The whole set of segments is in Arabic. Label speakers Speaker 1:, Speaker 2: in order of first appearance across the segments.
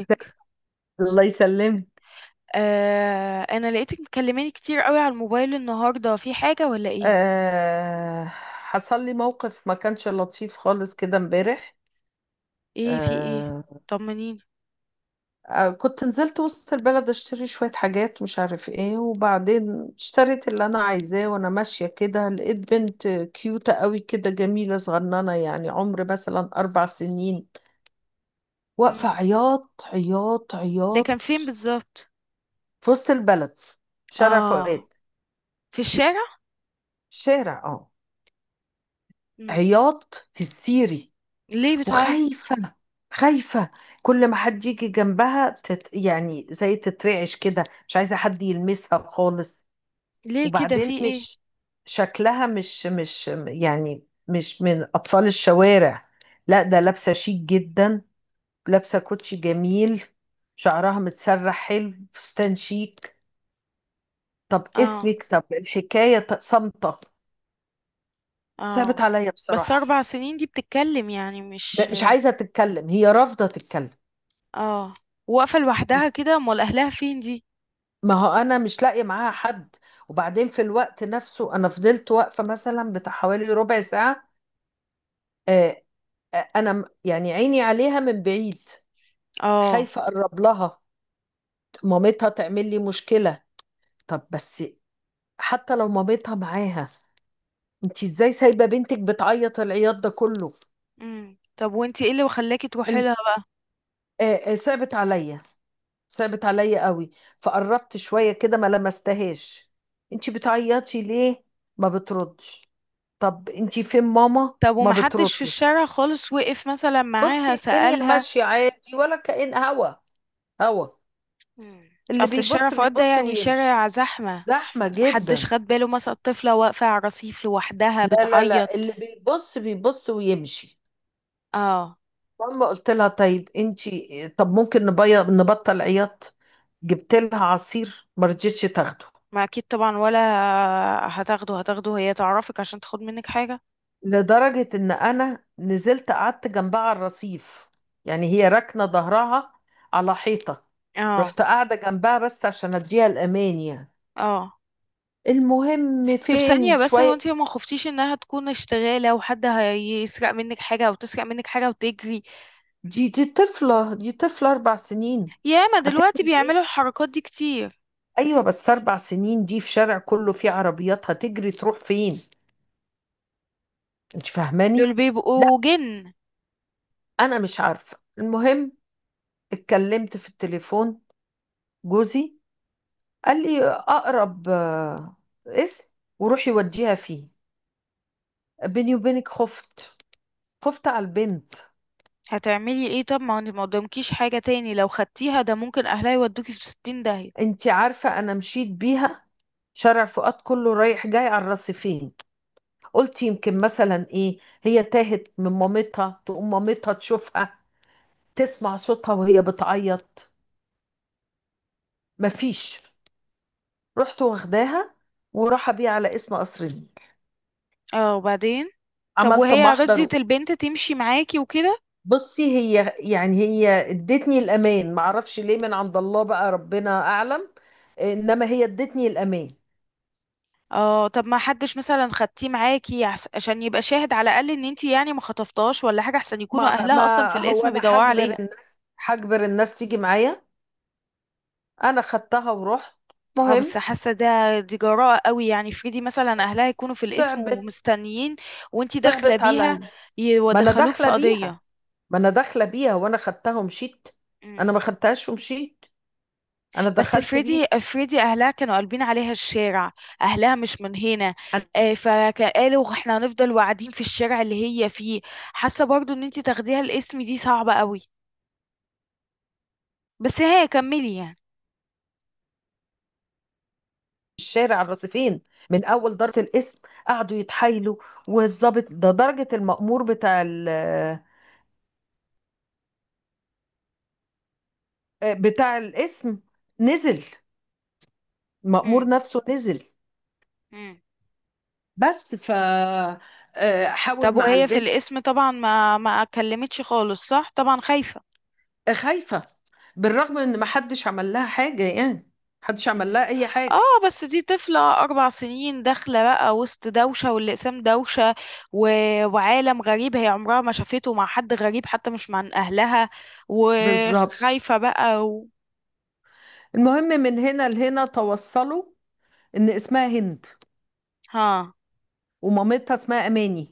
Speaker 1: ازيك؟ الله يسلمك.
Speaker 2: آه، انا لقيتك مكلماني كتير قوي على الموبايل النهارده، في حاجه ولا ايه؟
Speaker 1: آه. حصل لي موقف ما كانش لطيف خالص كده امبارح.
Speaker 2: ايه، في ايه؟
Speaker 1: آه.
Speaker 2: طمنيني.
Speaker 1: كنت نزلت وسط البلد اشتري شوية حاجات، مش عارف ايه. وبعدين اشتريت اللي انا عايزاه، وانا ماشية كده لقيت بنت كيوتة قوي كده، جميلة صغننة، يعني عمر مثلا 4 سنين، واقفة
Speaker 2: امم
Speaker 1: عياط عياط
Speaker 2: ده
Speaker 1: عياط.
Speaker 2: كان فين بالظبط؟
Speaker 1: في وسط البلد، شارع
Speaker 2: اه،
Speaker 1: فؤاد.
Speaker 2: في الشارع.
Speaker 1: شارع، اه.
Speaker 2: امم
Speaker 1: عياط هستيري،
Speaker 2: ليه بتعيط؟
Speaker 1: وخايفة. خايفة. كل ما حد يجي جنبها يعني زي تترعش كده، مش عايزة حد يلمسها خالص.
Speaker 2: ليه كده،
Speaker 1: وبعدين
Speaker 2: في ايه؟
Speaker 1: مش شكلها مش مش يعني مش من أطفال الشوارع. لا، ده لابسة شيك جدا، لابسة كوتشي جميل، شعرها متسرح حلو، فستان شيك. طب
Speaker 2: اه
Speaker 1: اسمك، طب الحكاية، طب. صامتة. صعبت
Speaker 2: اه،
Speaker 1: عليا
Speaker 2: بس
Speaker 1: بصراحة.
Speaker 2: اربع سنين دي بتتكلم يعني؟ مش
Speaker 1: مش عايزة تتكلم، هي رافضة تتكلم.
Speaker 2: اه. واقفه لوحدها كده، امال اهلها فين دي؟
Speaker 1: ما هو انا مش لاقيه معاها حد. وبعدين في الوقت نفسه، انا فضلت واقفه مثلا بتاع حوالي ربع ساعه. آه، انا يعني عيني عليها من بعيد.
Speaker 2: اه.
Speaker 1: خايفه اقرب لها، مامتها تعمل لي مشكله. طب بس، حتى لو مامتها معاها، انت ازاي سايبه بنتك بتعيط العياط ده كله؟
Speaker 2: طب وانتي ايه اللي خلاكي تروحي
Speaker 1: الم-
Speaker 2: لها بقى؟
Speaker 1: صعبت عليا، صعبت عليا قوي. فقربت شوية كده، ما لمستهاش. انتي بتعيطي ليه؟ ما بتردش. طب انتي فين ماما؟
Speaker 2: طب
Speaker 1: ما
Speaker 2: ومحدش في
Speaker 1: بتردش.
Speaker 2: الشارع خالص وقف مثلا
Speaker 1: بصي،
Speaker 2: معاها
Speaker 1: الدنيا
Speaker 2: سألها؟
Speaker 1: ماشية عادي، ولا كأن هوا
Speaker 2: مم.
Speaker 1: اللي
Speaker 2: اصل الشارع
Speaker 1: بيبص
Speaker 2: فؤاد ده
Speaker 1: بيبص
Speaker 2: يعني
Speaker 1: ويمشي.
Speaker 2: شارع زحمة.
Speaker 1: زحمة
Speaker 2: محدش
Speaker 1: جدا.
Speaker 2: خد باله مثلا الطفلة واقفة على الرصيف لوحدها
Speaker 1: لا لا
Speaker 2: بتعيط؟
Speaker 1: لا، اللي بيبص بيبص ويمشي.
Speaker 2: اه.
Speaker 1: ماما، قلت لها طيب انتي، طب ممكن نبطل عياط. جبت لها عصير ما رضتش تاخده.
Speaker 2: ما اكيد طبعا، ولا هتاخده؟ هتاخده هي تعرفك عشان تاخد منك حاجة؟
Speaker 1: لدرجة ان انا نزلت قعدت جنبها على الرصيف، يعني هي راكنة ظهرها على حيطة.
Speaker 2: اه.
Speaker 1: رحت قاعدة جنبها بس عشان اديها الامان يعني.
Speaker 2: اه.
Speaker 1: المهم
Speaker 2: طب ثانية
Speaker 1: فين
Speaker 2: بس، هو
Speaker 1: شوية.
Speaker 2: انتي ما خفتيش انها تكون اشتغالة وحد هيسرق منك حاجة او تسرق منك حاجة وتجري؟
Speaker 1: دي طفلة، دي طفلة 4 سنين،
Speaker 2: ياما دلوقتي
Speaker 1: هتجري ايه؟
Speaker 2: بيعملوا الحركات دي كتير.
Speaker 1: ايوه بس 4 سنين دي في شارع كله فيه عربيات، هتجري تروح فين؟ انت فاهماني؟
Speaker 2: دول
Speaker 1: لا.
Speaker 2: بيبقوا جن.
Speaker 1: انا مش عارفة. المهم، اتكلمت في التليفون جوزي، قال لي اقرب اسم وروحي وديها فيه. بيني وبينك خفت، خفت على البنت.
Speaker 2: هتعملي ايه طب؟ ما انت ما قدامكيش حاجة تاني، لو خدتيها ده ممكن اهلها يودوكي في ستين داهية.
Speaker 1: انت عارفه، انا مشيت بيها شارع فؤاد كله رايح جاي على الرصيفين. قلت يمكن مثلا ايه، هي تاهت من مامتها، تقوم مامتها تشوفها، تسمع صوتها وهي بتعيط. مفيش. رحت واخداها، وراح بيها على اسم قصر النيل.
Speaker 2: اه، وبعدين؟ طب
Speaker 1: عملت
Speaker 2: وهي
Speaker 1: محضر.
Speaker 2: رضيت البنت تمشي معاكي وكده؟
Speaker 1: بصي هي، يعني هي ادتني الامان، ما اعرفش ليه، من عند الله بقى، ربنا اعلم. انما هي ادتني الامان.
Speaker 2: اه. طب ما حدش مثلا خدتيه معاكي عشان يبقى شاهد على الاقل ان انتي يعني ما خطفتهاش ولا حاجه؟ احسن يكونوا
Speaker 1: ما
Speaker 2: اهلها اصلا في
Speaker 1: ما هو
Speaker 2: القسم
Speaker 1: انا
Speaker 2: بيدوروا
Speaker 1: هجبر
Speaker 2: عليها.
Speaker 1: الناس، هجبر الناس تيجي معايا. انا خدتها ورحت.
Speaker 2: اه
Speaker 1: مهم.
Speaker 2: بس حاسه ده، دي جراءه قوي. يعني فريدي مثلا اهلها يكونوا في القسم
Speaker 1: صعبت،
Speaker 2: ومستنيين وانتي داخله
Speaker 1: صعبت
Speaker 2: بيها،
Speaker 1: عليا. ما انا
Speaker 2: يدخلوك
Speaker 1: داخله
Speaker 2: في
Speaker 1: بيها،
Speaker 2: قضيه.
Speaker 1: ما انا داخله بيها وانا خدتها ومشيت. انا ما خدتهاش ومشيت، انا
Speaker 2: بس
Speaker 1: دخلت
Speaker 2: فريدي،
Speaker 1: بيها.
Speaker 2: اهلها كانوا قلبين عليها الشارع. اهلها مش من هنا، فقالوا احنا هنفضل واقعدين في الشارع اللي هي فيه. حاسه برضو ان انتي تاخديها الاسم دي صعبه قوي. بس هي كملي يعني.
Speaker 1: الشارع الرصيفين، من اول ضربه الاسم قعدوا يتحايلوا. والظابط ده درجه المأمور بتاع بتاع الاسم، نزل. المأمور
Speaker 2: امم
Speaker 1: نفسه نزل.
Speaker 2: امم
Speaker 1: بس ف
Speaker 2: طب
Speaker 1: حاول مع
Speaker 2: وهي في
Speaker 1: البنت.
Speaker 2: الاسم طبعا ما كلمتش خالص صح؟ طبعا خايفه.
Speaker 1: خايفه، بالرغم ان ما حدش عمل لها حاجه يعني، محدش عمل
Speaker 2: مم.
Speaker 1: لها اي حاجه.
Speaker 2: اه بس دي طفلة أربع سنين، داخلة بقى وسط دوشة، والأقسام دوشة و... وعالم غريب هي عمرها ما شافته، مع حد غريب حتى مش مع أهلها،
Speaker 1: بالظبط.
Speaker 2: وخايفة بقى و...
Speaker 1: المهم، من هنا لهنا توصلوا ان اسمها هند،
Speaker 2: ها.
Speaker 1: ومامتها اسمها اماني.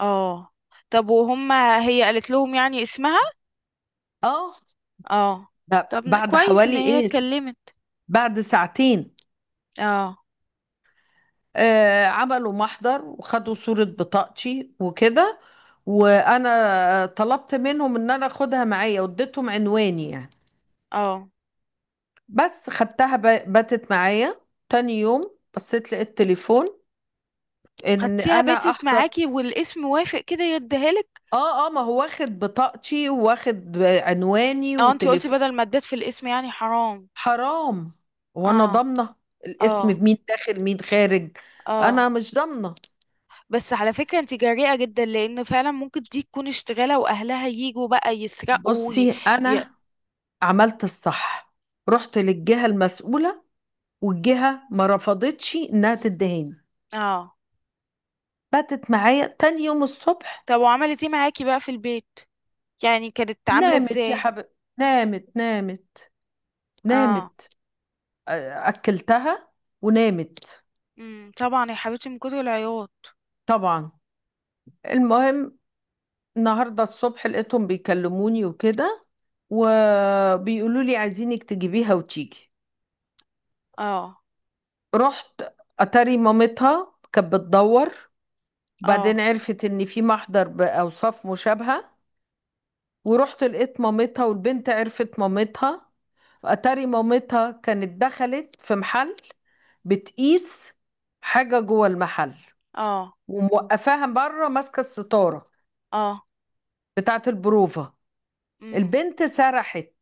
Speaker 2: اه، طب وهما، هي قالت لهم يعني اسمها؟
Speaker 1: اه.
Speaker 2: اه.
Speaker 1: ده
Speaker 2: طب
Speaker 1: بعد
Speaker 2: كويس ان
Speaker 1: حوالي
Speaker 2: هي
Speaker 1: ايه؟
Speaker 2: اتكلمت.
Speaker 1: بعد ساعتين.
Speaker 2: اه.
Speaker 1: عملوا محضر وخدوا صورة بطاقتي وكده. وانا طلبت منهم ان انا اخدها معايا واديتهم عنواني يعني.
Speaker 2: اه.
Speaker 1: بس خدتها، باتت معايا. تاني يوم بصيت لقيت تليفون ان
Speaker 2: خدتيها
Speaker 1: انا
Speaker 2: بيتت
Speaker 1: احضر.
Speaker 2: معاكي والاسم وافق كده يديها لك؟
Speaker 1: اه اه، ما هو واخد بطاقتي، واخد عنواني
Speaker 2: اه، انتي قلتي بدل
Speaker 1: وتليفوني.
Speaker 2: ما تبات في الاسم يعني حرام.
Speaker 1: حرام. وانا
Speaker 2: اه.
Speaker 1: ضامنه الاسم
Speaker 2: اه.
Speaker 1: مين داخل مين خارج؟
Speaker 2: اه
Speaker 1: انا مش ضامنه.
Speaker 2: بس على فكرة انت جريئة جدا، لان فعلا ممكن دي تكون اشتغالة واهلها يجوا بقى يسرقوا ي...
Speaker 1: بصي
Speaker 2: ي...
Speaker 1: انا عملت الصح، رحت للجهه المسؤوله، والجهة ما رفضتش انها تدهاني.
Speaker 2: اه.
Speaker 1: باتت معايا تاني يوم الصبح.
Speaker 2: طب وعملت ايه معاكي بقى في البيت؟ يعني كانت عاملة
Speaker 1: نامت يا
Speaker 2: ازاي؟
Speaker 1: حبيبي، نامت نامت.
Speaker 2: اه.
Speaker 1: نامت. اكلتها ونامت.
Speaker 2: طبعا يا حبيبتي من كتر العياط.
Speaker 1: طبعا. المهم، النهارده الصبح لقيتهم بيكلموني وكده، وبيقولوا لي عايزينك تجيبيها وتيجي.
Speaker 2: اه.
Speaker 1: رحت، اتاري مامتها كانت بتدور.
Speaker 2: اه.
Speaker 1: وبعدين عرفت ان في محضر باوصاف مشابهه. ورحت لقيت مامتها، والبنت عرفت مامتها. اتاري مامتها كانت دخلت في محل بتقيس حاجة جوه المحل،
Speaker 2: اه.
Speaker 1: وموقفاها بره ماسكة الستارة
Speaker 2: اه.
Speaker 1: بتاعة البروفة.
Speaker 2: امم
Speaker 1: البنت سرحت.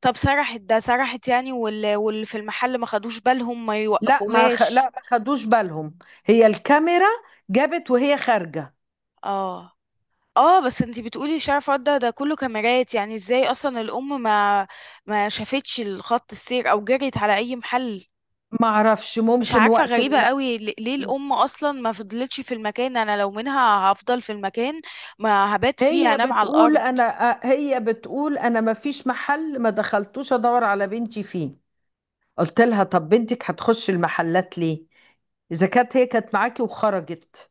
Speaker 2: طب سرحت ده؟ سرحت يعني، واللي في المحل ما خدوش بالهم، ما
Speaker 1: لا
Speaker 2: يوقفوهاش؟
Speaker 1: ما خدوش بالهم. هي الكاميرا جابت وهي خارجة.
Speaker 2: اه. اه بس انتي بتقولي شارع فرد ده, ده كله كاميرات، يعني ازاي اصلا الام ما شافتش الخط السير او جريت على اي محل؟
Speaker 1: ما اعرفش،
Speaker 2: مش
Speaker 1: ممكن
Speaker 2: عارفة،
Speaker 1: وقت
Speaker 2: غريبة قوي. ليه الام اصلا ما فضلتش في المكان؟ انا لو منها هفضل في المكان، ما هبات فيه،
Speaker 1: هي
Speaker 2: هنام على
Speaker 1: بتقول
Speaker 2: الارض.
Speaker 1: انا هي بتقول انا، ما فيش محل ما دخلتوش ادور على بنتي فيه. قلت لها طب بنتك هتخش المحلات ليه اذا كانت هي كانت معاكي وخرجت؟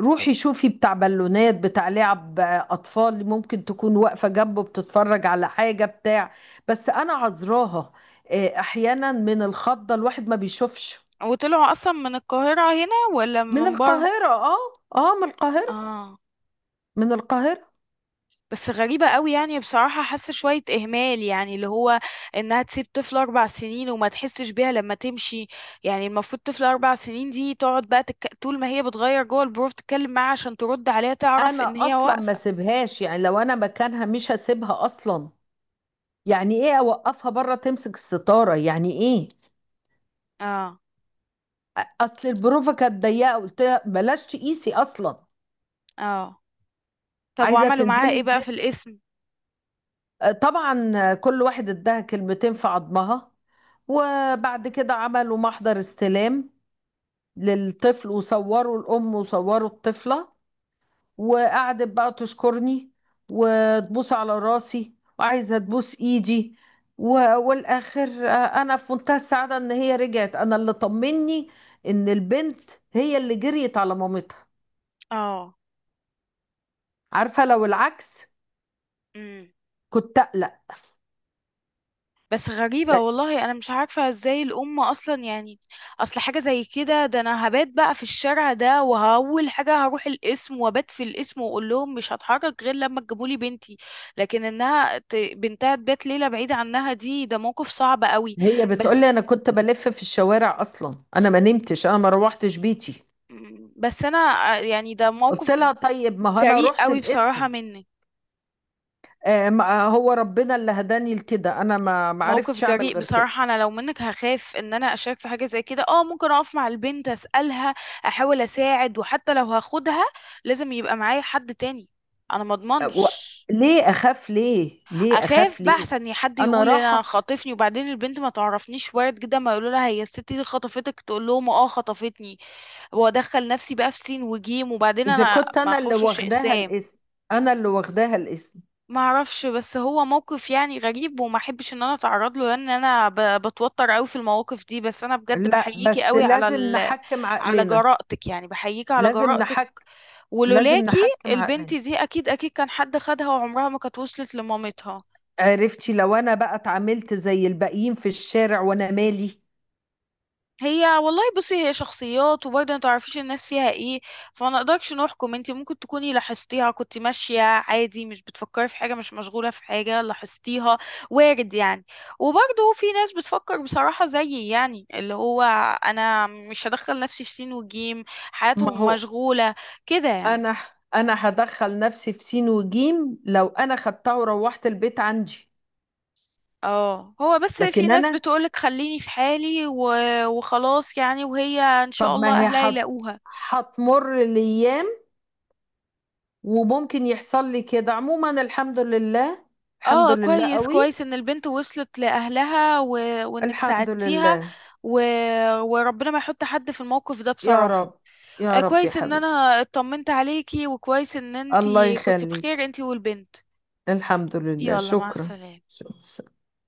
Speaker 1: روحي شوفي بتاع بالونات، بتاع لعب اطفال، ممكن تكون واقفه جنبه بتتفرج على حاجه بتاع. بس انا عذراها، احيانا من الخضه الواحد ما بيشوفش.
Speaker 2: وطلعوا اصلا من القاهرة هنا ولا
Speaker 1: من
Speaker 2: من بره؟
Speaker 1: القاهره، اه. اه، من القاهره.
Speaker 2: اه.
Speaker 1: من القاهره.
Speaker 2: بس غريبة قوي يعني بصراحة، حاسة شوية إهمال يعني، اللي هو إنها تسيب طفل أربع سنين وما تحسش بيها لما تمشي. يعني المفروض طفل أربع سنين دي تقعد بقى تك... طول ما هي بتغير جوه البروف تتكلم معاها عشان ترد عليها، تعرف إن
Speaker 1: انا
Speaker 2: هي
Speaker 1: اصلا ما
Speaker 2: واقفة.
Speaker 1: سيبهاش، يعني لو انا مكانها مش هسيبها اصلا. يعني ايه اوقفها بره تمسك الستاره؟ يعني ايه؟
Speaker 2: اه.
Speaker 1: اصل البروفه كانت ضيقه، قلت لها بلاش تقيسي اصلا.
Speaker 2: اه. طب
Speaker 1: عايزه
Speaker 2: وعملوا معاها
Speaker 1: تنزلي.
Speaker 2: إيه بقى في الاسم؟
Speaker 1: طبعا كل واحد اداها كلمتين في عظمها، وبعد كده عملوا محضر استلام للطفل، وصوروا الأم وصوروا الطفلة. وقعدت بقى تشكرني، وتبوس على راسي، وعايزة تبوس إيدي. والآخر أنا في منتهى السعادة إن هي رجعت. أنا اللي طمني إن البنت هي اللي جريت على مامتها.
Speaker 2: اه.
Speaker 1: عارفة لو العكس،
Speaker 2: إمم.
Speaker 1: كنت أقلق.
Speaker 2: بس غريبة والله، أنا مش عارفة ازاي الأم أصلا يعني. أصل حاجة زي كده، ده أنا هبات بقى في الشارع ده، وأول حاجة هروح القسم وأبات في القسم وأقول لهم مش هتحرك غير لما تجيبولي بنتي. لكن إنها ت... بنتها تبات ليلة بعيدة عنها دي، ده موقف صعب قوي.
Speaker 1: هي بتقولي
Speaker 2: بس.
Speaker 1: انا كنت بلف في الشوارع، اصلا انا ما نمتش، انا ما روحتش بيتي.
Speaker 2: بس أنا يعني ده
Speaker 1: قلت
Speaker 2: موقف
Speaker 1: لها طيب، ما هو انا
Speaker 2: جريء
Speaker 1: رحت
Speaker 2: قوي
Speaker 1: القسم.
Speaker 2: بصراحة منك.
Speaker 1: آه ما آه، هو ربنا اللي هداني لكده، انا ما
Speaker 2: موقف
Speaker 1: عرفتش اعمل
Speaker 2: جريء
Speaker 1: غير كده.
Speaker 2: بصراحة. أنا لو منك هخاف إن أنا أشارك في حاجة زي كده. أه ممكن أقف مع البنت أسألها، أحاول أساعد. وحتى لو هاخدها لازم يبقى معايا حد تاني. أنا
Speaker 1: آه، و...
Speaker 2: مضمنش.
Speaker 1: ليه اخاف ليه؟ ليه
Speaker 2: أخاف
Speaker 1: اخاف
Speaker 2: بقى،
Speaker 1: ليه
Speaker 2: أحسن حد
Speaker 1: انا
Speaker 2: يقول
Speaker 1: راحة.
Speaker 2: أنا خاطفني، وبعدين البنت ما تعرفنيش. وارد جدا ما يقولوا لها هي الست دي خطفتك، تقول لهم أه خطفتني، وأدخل نفسي بقى في سين وجيم. وبعدين
Speaker 1: اذا
Speaker 2: أنا
Speaker 1: كنت
Speaker 2: ما
Speaker 1: انا اللي
Speaker 2: أخشش
Speaker 1: واخداها
Speaker 2: إسام.
Speaker 1: الاسم، انا اللي واخداها الاسم.
Speaker 2: ما اعرفش، بس هو موقف يعني غريب، وما احبش ان انا اتعرض له، لان انا بتوتر قوي في المواقف دي. بس انا بجد
Speaker 1: لا
Speaker 2: بحييكي
Speaker 1: بس
Speaker 2: قوي على
Speaker 1: لازم
Speaker 2: ال...
Speaker 1: نحكم
Speaker 2: على
Speaker 1: عقلنا.
Speaker 2: جرأتك يعني، بحييكي على
Speaker 1: لازم
Speaker 2: جرأتك.
Speaker 1: نحكم، لازم
Speaker 2: ولولاكي
Speaker 1: نحكم
Speaker 2: البنت
Speaker 1: عقلنا.
Speaker 2: دي اكيد، اكيد كان حد خدها وعمرها ما كانت وصلت لمامتها.
Speaker 1: عرفتي لو انا بقى اتعاملت زي الباقيين في الشارع وانا مالي؟
Speaker 2: هي والله، بصي، هي شخصيات وبرضه ما تعرفيش الناس فيها ايه. فما نقدرش نحكم. انت ممكن تكوني لاحظتيها، كنت ماشية عادي مش بتفكري في حاجة، مش مشغولة في حاجة، لاحظتيها. وارد يعني. وبرضه في ناس بتفكر بصراحة زيي، يعني اللي هو انا مش هدخل نفسي في سين وجيم،
Speaker 1: ما
Speaker 2: حياتهم
Speaker 1: هو
Speaker 2: مشغولة كده يعني.
Speaker 1: انا، انا هدخل نفسي في سين وجيم لو انا خدتها وروحت البيت عندي.
Speaker 2: اه، هو بس في
Speaker 1: لكن
Speaker 2: ناس
Speaker 1: انا
Speaker 2: بتقولك خليني في حالي و... وخلاص يعني، وهي ان شاء
Speaker 1: طب
Speaker 2: الله
Speaker 1: ما هي
Speaker 2: اهلها يلاقوها.
Speaker 1: هتمر الايام وممكن يحصل لي كده. عموما الحمد لله، الحمد
Speaker 2: اه
Speaker 1: لله
Speaker 2: كويس،
Speaker 1: قوي.
Speaker 2: كويس ان البنت وصلت لاهلها و... وانك
Speaker 1: الحمد
Speaker 2: ساعدتيها
Speaker 1: لله.
Speaker 2: و... وربنا ما يحط حد في الموقف ده
Speaker 1: يا
Speaker 2: بصراحة.
Speaker 1: رب، يا رب يا
Speaker 2: كويس ان
Speaker 1: حبيبي.
Speaker 2: انا اطمنت عليكي، وكويس ان
Speaker 1: الله
Speaker 2: انتي كنت بخير
Speaker 1: يخليك.
Speaker 2: انتي والبنت.
Speaker 1: الحمد لله،
Speaker 2: يلا مع
Speaker 1: شكرا.
Speaker 2: السلامة.
Speaker 1: شكرا.